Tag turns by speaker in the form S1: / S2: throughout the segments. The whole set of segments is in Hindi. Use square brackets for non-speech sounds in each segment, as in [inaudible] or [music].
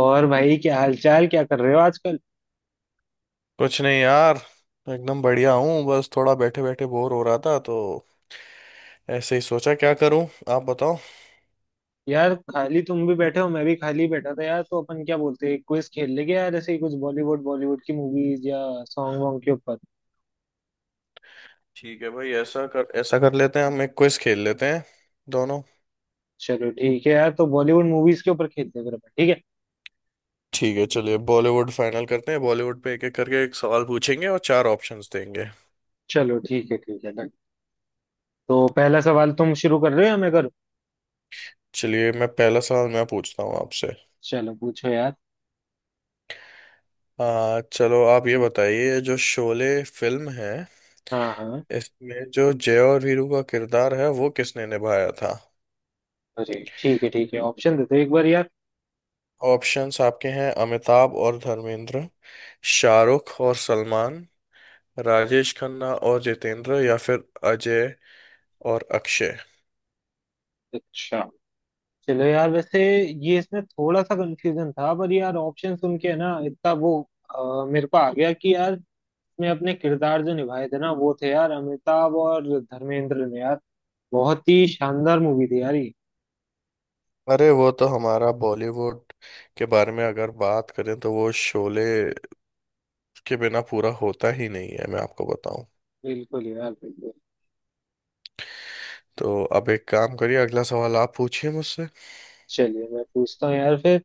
S1: और भाई क्या हालचाल, क्या कर रहे हो आजकल।
S2: कुछ नहीं यार। एकदम बढ़िया हूँ, बस थोड़ा बैठे बैठे बोर हो रहा था तो ऐसे ही सोचा क्या करूँ। आप बताओ।
S1: यार खाली तुम भी बैठे हो, मैं भी खाली बैठा था यार, तो अपन क्या बोलते हैं, क्विज खेल लेंगे यार, ऐसे ही कुछ बॉलीवुड बॉलीवुड की मूवीज या सॉन्ग वॉन्ग के ऊपर।
S2: ठीक है भाई, ऐसा कर लेते हैं, हम एक क्विज खेल लेते हैं दोनों।
S1: चलो ठीक है यार, तो बॉलीवुड मूवीज के ऊपर खेलते हैं फिर अपन, ठीक है।
S2: ठीक है, चलिए बॉलीवुड फाइनल करते हैं। बॉलीवुड पे एक एक करके एक सवाल पूछेंगे और चार ऑप्शंस देंगे।
S1: चलो ठीक है, ठीक है, डन। तो पहला सवाल तुम शुरू कर रहे हो या मैं करूँ?
S2: चलिए मैं पहला सवाल मैं पूछता हूँ आपसे।
S1: चलो पूछो यार।
S2: आ चलो आप ये बताइए, जो शोले फिल्म है,
S1: हाँ हाँ।
S2: इसमें जो जय और वीरू का किरदार है वो किसने निभाया था।
S1: अरे ठीक है ठीक है, ऑप्शन देते एक बार यार।
S2: ऑप्शंस आपके हैं: अमिताभ और धर्मेंद्र, शाहरुख और सलमान, राजेश खन्ना और जितेंद्र, या फिर अजय और अक्षय।
S1: अच्छा। चलो यार, वैसे ये इसमें थोड़ा सा कंफ्यूजन था, पर यार ऑप्शन सुन के ना इतना वो, मेरे को आ गया कि यार में अपने किरदार जो निभाए थे ना वो थे यार, अमिताभ और धर्मेंद्र ने यार। बहुत ही शानदार मूवी थी यार ये।
S2: अरे वो तो, हमारा बॉलीवुड के बारे में अगर बात करें तो वो शोले के बिना पूरा होता ही नहीं है, मैं आपको बताऊं।
S1: बिल्कुल यार, बिल्कुल।
S2: तो अब एक काम करिए, अगला सवाल आप पूछिए मुझसे।
S1: चलिए मैं पूछता हूँ यार फिर।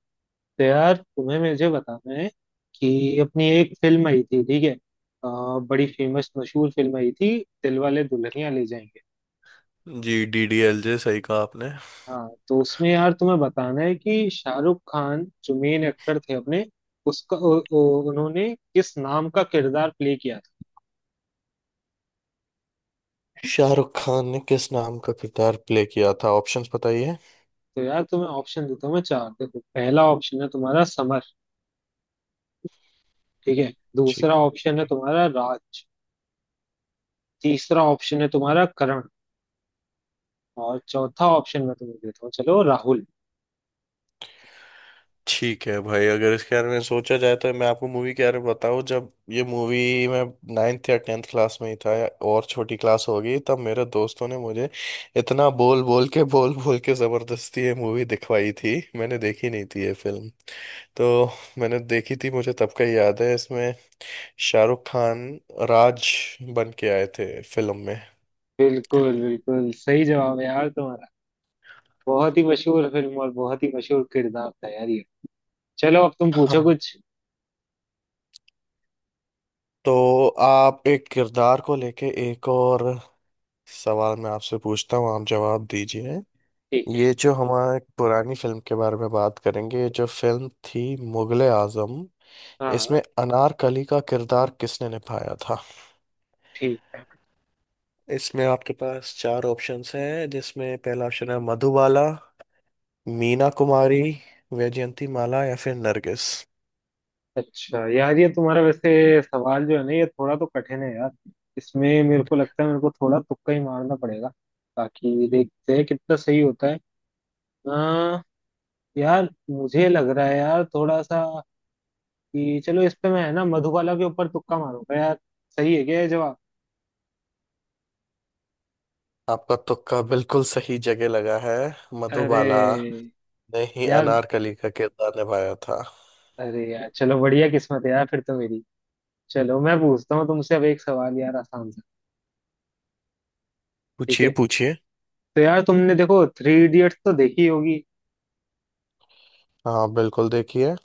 S1: तो यार तुम्हें मुझे बताना है कि अपनी एक फिल्म आई थी, ठीक है, बड़ी फेमस मशहूर फिल्म आई थी, दिलवाले दुल्हनिया ले जाएंगे।
S2: जी, DDLJ, सही कहा आपने।
S1: हाँ, तो उसमें यार तुम्हें बताना है कि शाहरुख खान जो मेन एक्टर थे अपने, उसका उन्होंने किस नाम का किरदार प्ले किया था।
S2: शाहरुख खान ने किस नाम का किरदार प्ले किया था, ऑप्शंस बताइए।
S1: तो यार तुम्हें ऑप्शन देता हूँ मैं चार, देखो पहला ऑप्शन है तुम्हारा समर, ठीक है। दूसरा
S2: ठीक है।
S1: ऑप्शन है तुम्हारा राज। तीसरा ऑप्शन है तुम्हारा करण। और चौथा ऑप्शन मैं तुम्हें देता हूँ, चलो राहुल।
S2: ठीक है भाई, अगर इसके बारे में सोचा जाए तो मैं आपको मूवी के बारे में बताऊँ। जब ये मूवी, मैं नाइन्थ या टेंथ क्लास में ही था, या और छोटी क्लास होगी, तब मेरे दोस्तों ने मुझे इतना बोल बोल के ज़बरदस्ती ये मूवी दिखवाई थी। मैंने देखी नहीं थी ये फिल्म, तो मैंने देखी थी। मुझे तब का ही याद है, इसमें शाहरुख खान राज बन के आए थे फिल्म में।
S1: बिल्कुल बिल्कुल, सही जवाब है यार तुम्हारा। बहुत ही मशहूर फिल्म और बहुत ही मशहूर किरदार था यार ये। चलो अब तुम पूछो
S2: हाँ,
S1: कुछ।
S2: तो आप, एक किरदार को लेके एक और सवाल मैं आपसे पूछता हूँ, आप जवाब दीजिए।
S1: ठीक है।
S2: ये जो हमारे पुरानी फिल्म के बारे में बात करेंगे, ये जो फिल्म थी मुगले आजम, इसमें
S1: हाँ।
S2: अनारकली का किरदार किसने निभाया था।
S1: ठीक है।
S2: इसमें आपके पास चार ऑप्शंस हैं, जिसमें पहला ऑप्शन है मधुबाला, मीना कुमारी, वैजयंती माला या फिर नरगिस।
S1: अच्छा यार, ये तुम्हारा वैसे सवाल जो है ना, ये थोड़ा तो कठिन है यार। इसमें मेरे को लगता है मेरे को थोड़ा तुक्का ही मारना पड़ेगा, ताकि देखते हैं कितना सही होता है। आ, यार मुझे लग रहा है यार थोड़ा सा कि चलो इस पे मैं है ना मधुबाला के ऊपर तुक्का मारूंगा यार। सही है क्या ये जवाब?
S2: आपका तुक्का बिल्कुल सही जगह लगा है।
S1: अरे
S2: मधुबाला ने ही
S1: यार।
S2: अनारकली का किरदार निभाया था।
S1: अरे यार चलो, बढ़िया किस्मत है यार फिर तो मेरी। चलो मैं पूछता हूँ तुमसे अब एक सवाल यार, आसान सा। ठीक
S2: पूछिए
S1: है।
S2: पूछिए।
S1: तो यार तुमने देखो थ्री इडियट्स तो देखी होगी।
S2: हाँ बिल्कुल, देखिए।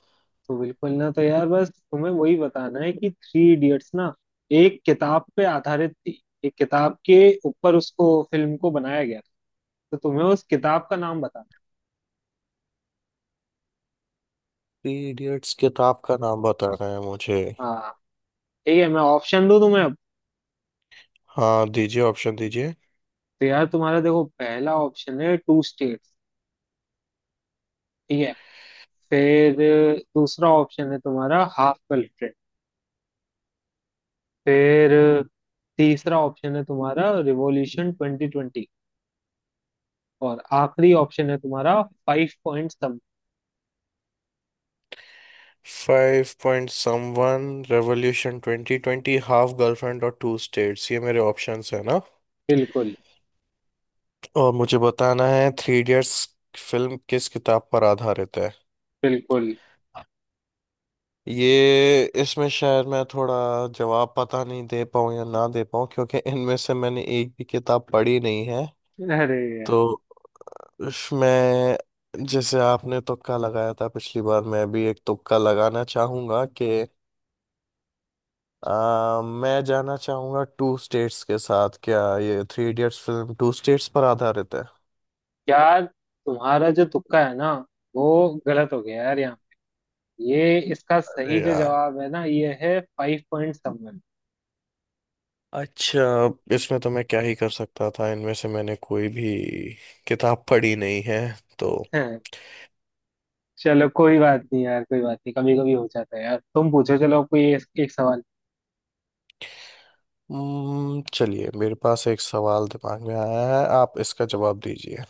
S1: तो बिल्कुल ना, तो यार बस तुम्हें वही बताना है कि थ्री इडियट्स ना एक किताब पे आधारित थी, एक किताब के ऊपर उसको फिल्म को बनाया गया था। तो तुम्हें उस किताब का नाम बताना है।
S2: थ्री इडियट्स किताब का नाम बता रहे हैं मुझे।
S1: हाँ, ठीक है, मैं ऑप्शन दूं तुम्हें अब।
S2: हाँ दीजिए, ऑप्शन दीजिए।
S1: तो यार तुम्हारा देखो पहला ऑप्शन है टू स्टेट, ठीक है। फिर दूसरा ऑप्शन है तुम्हारा हाफ कल्ट्री। फिर तीसरा ऑप्शन है तुम्हारा रिवॉल्यूशन 2020। और आखिरी ऑप्शन है तुम्हारा Five Point Some.
S2: Five Point Someone, Revolution Twenty Twenty, Half Girlfriend और टू स्टेट्स, ये मेरे ऑप्शंस है ना।
S1: बिल्कुल
S2: और मुझे बताना है थ्री इडियट्स फिल्म किस किताब पर आधारित है।
S1: बिल्कुल।
S2: ये इसमें शायद मैं थोड़ा जवाब पता नहीं दे पाऊँ या ना दे पाऊँ, क्योंकि इनमें से मैंने एक भी किताब पढ़ी नहीं है।
S1: अरे यार।
S2: तो इसमें जैसे आपने तुक्का लगाया था पिछली बार, मैं भी एक तुक्का लगाना चाहूंगा कि मैं जाना चाहूंगा टू स्टेट्स के साथ। क्या ये Three Idiots film Two States पर आधारित है?
S1: यार तुम्हारा जो तुक्का है ना, वो गलत हो गया यार यहाँ। ये इसका सही
S2: अरे
S1: जो
S2: यार,
S1: जवाब है ना, ये है फाइव पॉइंट समवन।
S2: अच्छा। इसमें तो मैं क्या ही कर सकता था, इनमें से मैंने कोई भी किताब पढ़ी नहीं है तो।
S1: चलो कोई बात नहीं यार, कोई बात नहीं, कभी कभी हो जाता है यार, तुम पूछो, चलो कोई एक, एक सवाल
S2: चलिए मेरे पास एक सवाल दिमाग में आया है, आप इसका जवाब दीजिए।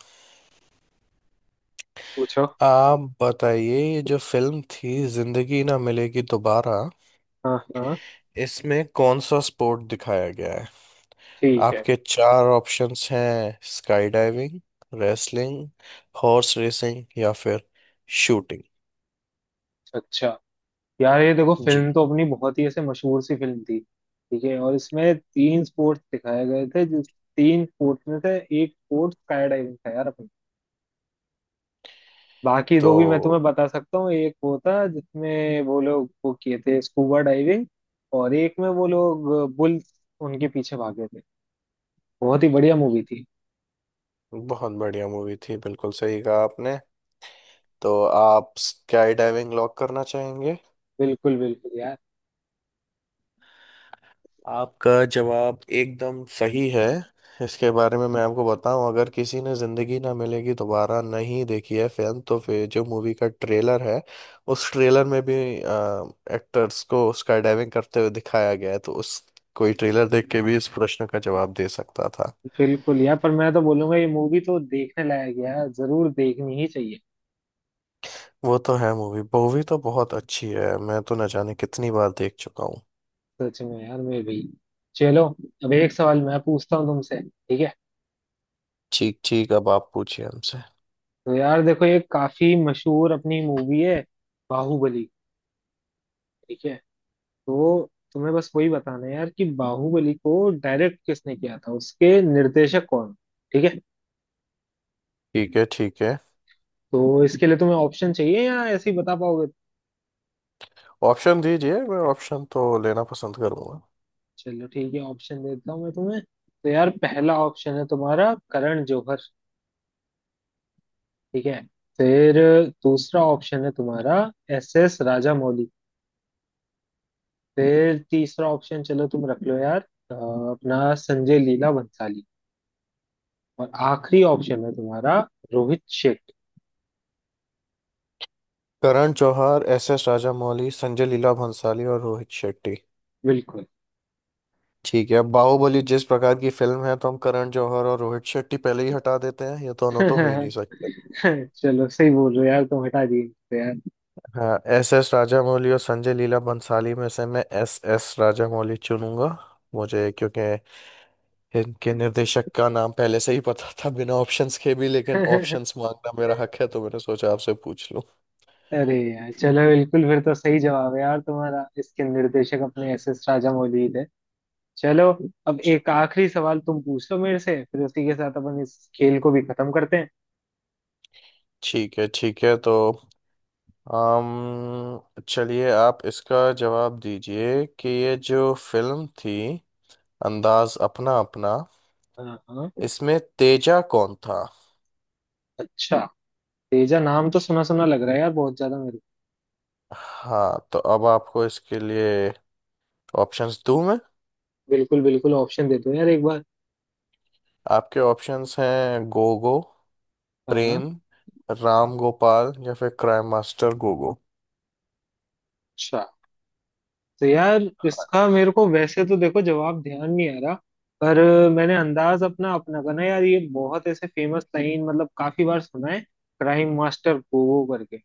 S1: पूछो।
S2: आप बताइए, ये जो फिल्म थी जिंदगी ना मिलेगी दोबारा,
S1: हाँ हाँ।
S2: इसमें कौन सा स्पोर्ट दिखाया गया है।
S1: ठीक है।
S2: आपके चार ऑप्शंस हैं: skydiving, wrestling, horse racing या फिर शूटिंग।
S1: अच्छा। यार ये देखो
S2: जी।
S1: फिल्म तो अपनी बहुत ही ऐसे मशहूर सी फिल्म थी, ठीक है, और इसमें तीन स्पोर्ट्स दिखाए गए थे, जिस तीन स्पोर्ट्स में से एक स्पोर्ट स्काई डाइविंग था यार अपना। बाकी दो भी मैं
S2: तो
S1: तुम्हें बता सकता हूँ, एक वो था जिसमें वो लोग वो किए थे, स्कूबा डाइविंग। और एक में वो लोग बुल्स, उनके पीछे भागे थे। बहुत ही बढ़िया मूवी थी।
S2: बहुत बढ़िया मूवी थी, बिल्कुल सही कहा आपने। तो आप स्काई डाइविंग लॉक करना चाहेंगे?
S1: बिल्कुल बिल्कुल
S2: आपका जवाब एकदम सही है। इसके बारे में मैं आपको बताऊं, अगर किसी ने जिंदगी ना मिलेगी दोबारा नहीं देखी है फिल्म तो फिर जो मूवी का ट्रेलर है उस ट्रेलर में भी एक्टर्स को स्काई डाइविंग करते हुए दिखाया गया है, तो उस, कोई ट्रेलर देख के भी इस प्रश्न का जवाब दे सकता था।
S1: बिल्कुल यार, पर मैं तो बोलूंगा ये मूवी तो देखने लायक है यार, जरूर देखनी ही चाहिए।
S2: वो तो है, मूवी मूवी तो बहुत अच्छी है, मैं तो न जाने कितनी बार देख चुका हूँ।
S1: सच में यार, मैं भी। चलो अब एक सवाल मैं पूछता हूँ तुमसे, ठीक है।
S2: ठीक ठीक, अब आप पूछिए हमसे।
S1: तो यार देखो ये काफी मशहूर अपनी मूवी है, बाहुबली, ठीक है। तो तुम्हें बस वही बताना है यार कि बाहुबली को डायरेक्ट किसने किया था, उसके निर्देशक कौन। ठीक है।
S2: ठीक है ठीक है,
S1: तो इसके लिए तुम्हें ऑप्शन चाहिए या ऐसे ही बता पाओगे?
S2: ऑप्शन दीजिए, मैं ऑप्शन तो लेना पसंद करूंगा।
S1: चलो ठीक है, ऑप्शन देता हूँ मैं तुम्हें। तो यार पहला ऑप्शन है तुम्हारा करण जौहर, ठीक है। फिर दूसरा ऑप्शन है तुम्हारा एस एस राजामौली। फिर तीसरा ऑप्शन, चलो तुम रख लो यार, अ, अपना संजय लीला भंसाली। और आखिरी ऑप्शन है तुम्हारा रोहित शेट।
S2: करण जौहर, एस एस राजामौली, संजय लीला भंसाली और रोहित शेट्टी।
S1: बिल्कुल।
S2: ठीक है, अब बाहुबली जिस प्रकार की फिल्म है तो हम करण जौहर और रोहित शेट्टी पहले ही हटा देते हैं, ये दोनों तो हो ही नहीं
S1: [laughs]
S2: सकते।
S1: चलो सही बोल रहे हो यार, तुम हटा दिए इसको।
S2: हाँ, एस एस राजामौली और संजय लीला बंसाली में से मैं एस एस राजामौली चुनूंगा। मुझे क्योंकि इनके निर्देशक का नाम पहले से ही पता था, बिना ऑप्शंस के भी, लेकिन
S1: यार
S2: ऑप्शंस मांगना मेरा हक है तो मैंने सोचा आपसे पूछ लूं।
S1: [laughs] अरे यार, चलो बिल्कुल, फिर तो सही जवाब है यार तुम्हारा, इसके निर्देशक अपने एस एस राजामौली ही थे। चलो अब एक आखिरी सवाल तुम पूछ लो मेरे से, फिर उसी के साथ अपन इस खेल को भी खत्म करते हैं।
S2: ठीक है ठीक है, तो आम चलिए आप इसका जवाब दीजिए कि ये जो फिल्म थी अंदाज अपना अपना,
S1: हाँ हाँ।
S2: इसमें तेजा कौन था।
S1: अच्छा। तेजा नाम तो सुना सुना लग रहा है यार, बहुत ज्यादा मेरे को।
S2: हाँ तो अब आपको इसके लिए ऑप्शंस दूं मैं?
S1: बिल्कुल बिल्कुल, ऑप्शन दे दो यार एक बार।
S2: आपके ऑप्शंस हैं: गोगो,
S1: हाँ।
S2: प्रेम, राम गोपाल या फिर क्राइम मास्टर गोगो।
S1: अच्छा। तो यार इसका मेरे को वैसे तो देखो जवाब ध्यान नहीं आ रहा, पर मैंने अंदाज अपना अपना बना यार, ये बहुत ऐसे फेमस लाइन, मतलब काफी बार सुना है, क्राइम मास्टर गोगो करके।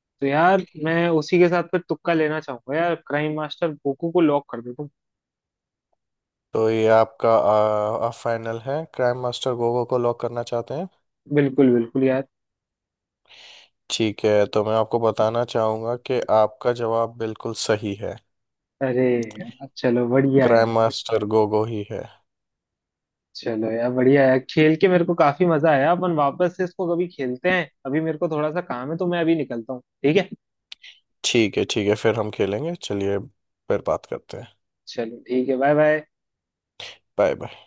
S1: तो यार मैं उसी के साथ फिर तुक्का लेना चाहूंगा यार, क्राइम मास्टर गोगो को लॉक कर दो तुम।
S2: तो ये आपका फाइनल है, क्राइम मास्टर गोगो को लॉक करना चाहते हैं?
S1: बिल्कुल बिल्कुल यार।
S2: ठीक है, तो मैं आपको बताना चाहूंगा कि आपका जवाब बिल्कुल सही है।
S1: अरे यार चलो बढ़िया यार।
S2: क्राइम मास्टर गोगो ही है।
S1: चलो यार बढ़िया यार, खेल के मेरे को काफी मजा आया, अपन वापस से इसको कभी खेलते हैं, अभी मेरे को थोड़ा सा काम है तो मैं अभी निकलता हूँ, ठीक है।
S2: ठीक है ठीक है, फिर हम खेलेंगे, चलिए फिर बात करते हैं।
S1: चलो ठीक है, बाय बाय।
S2: Bye bye.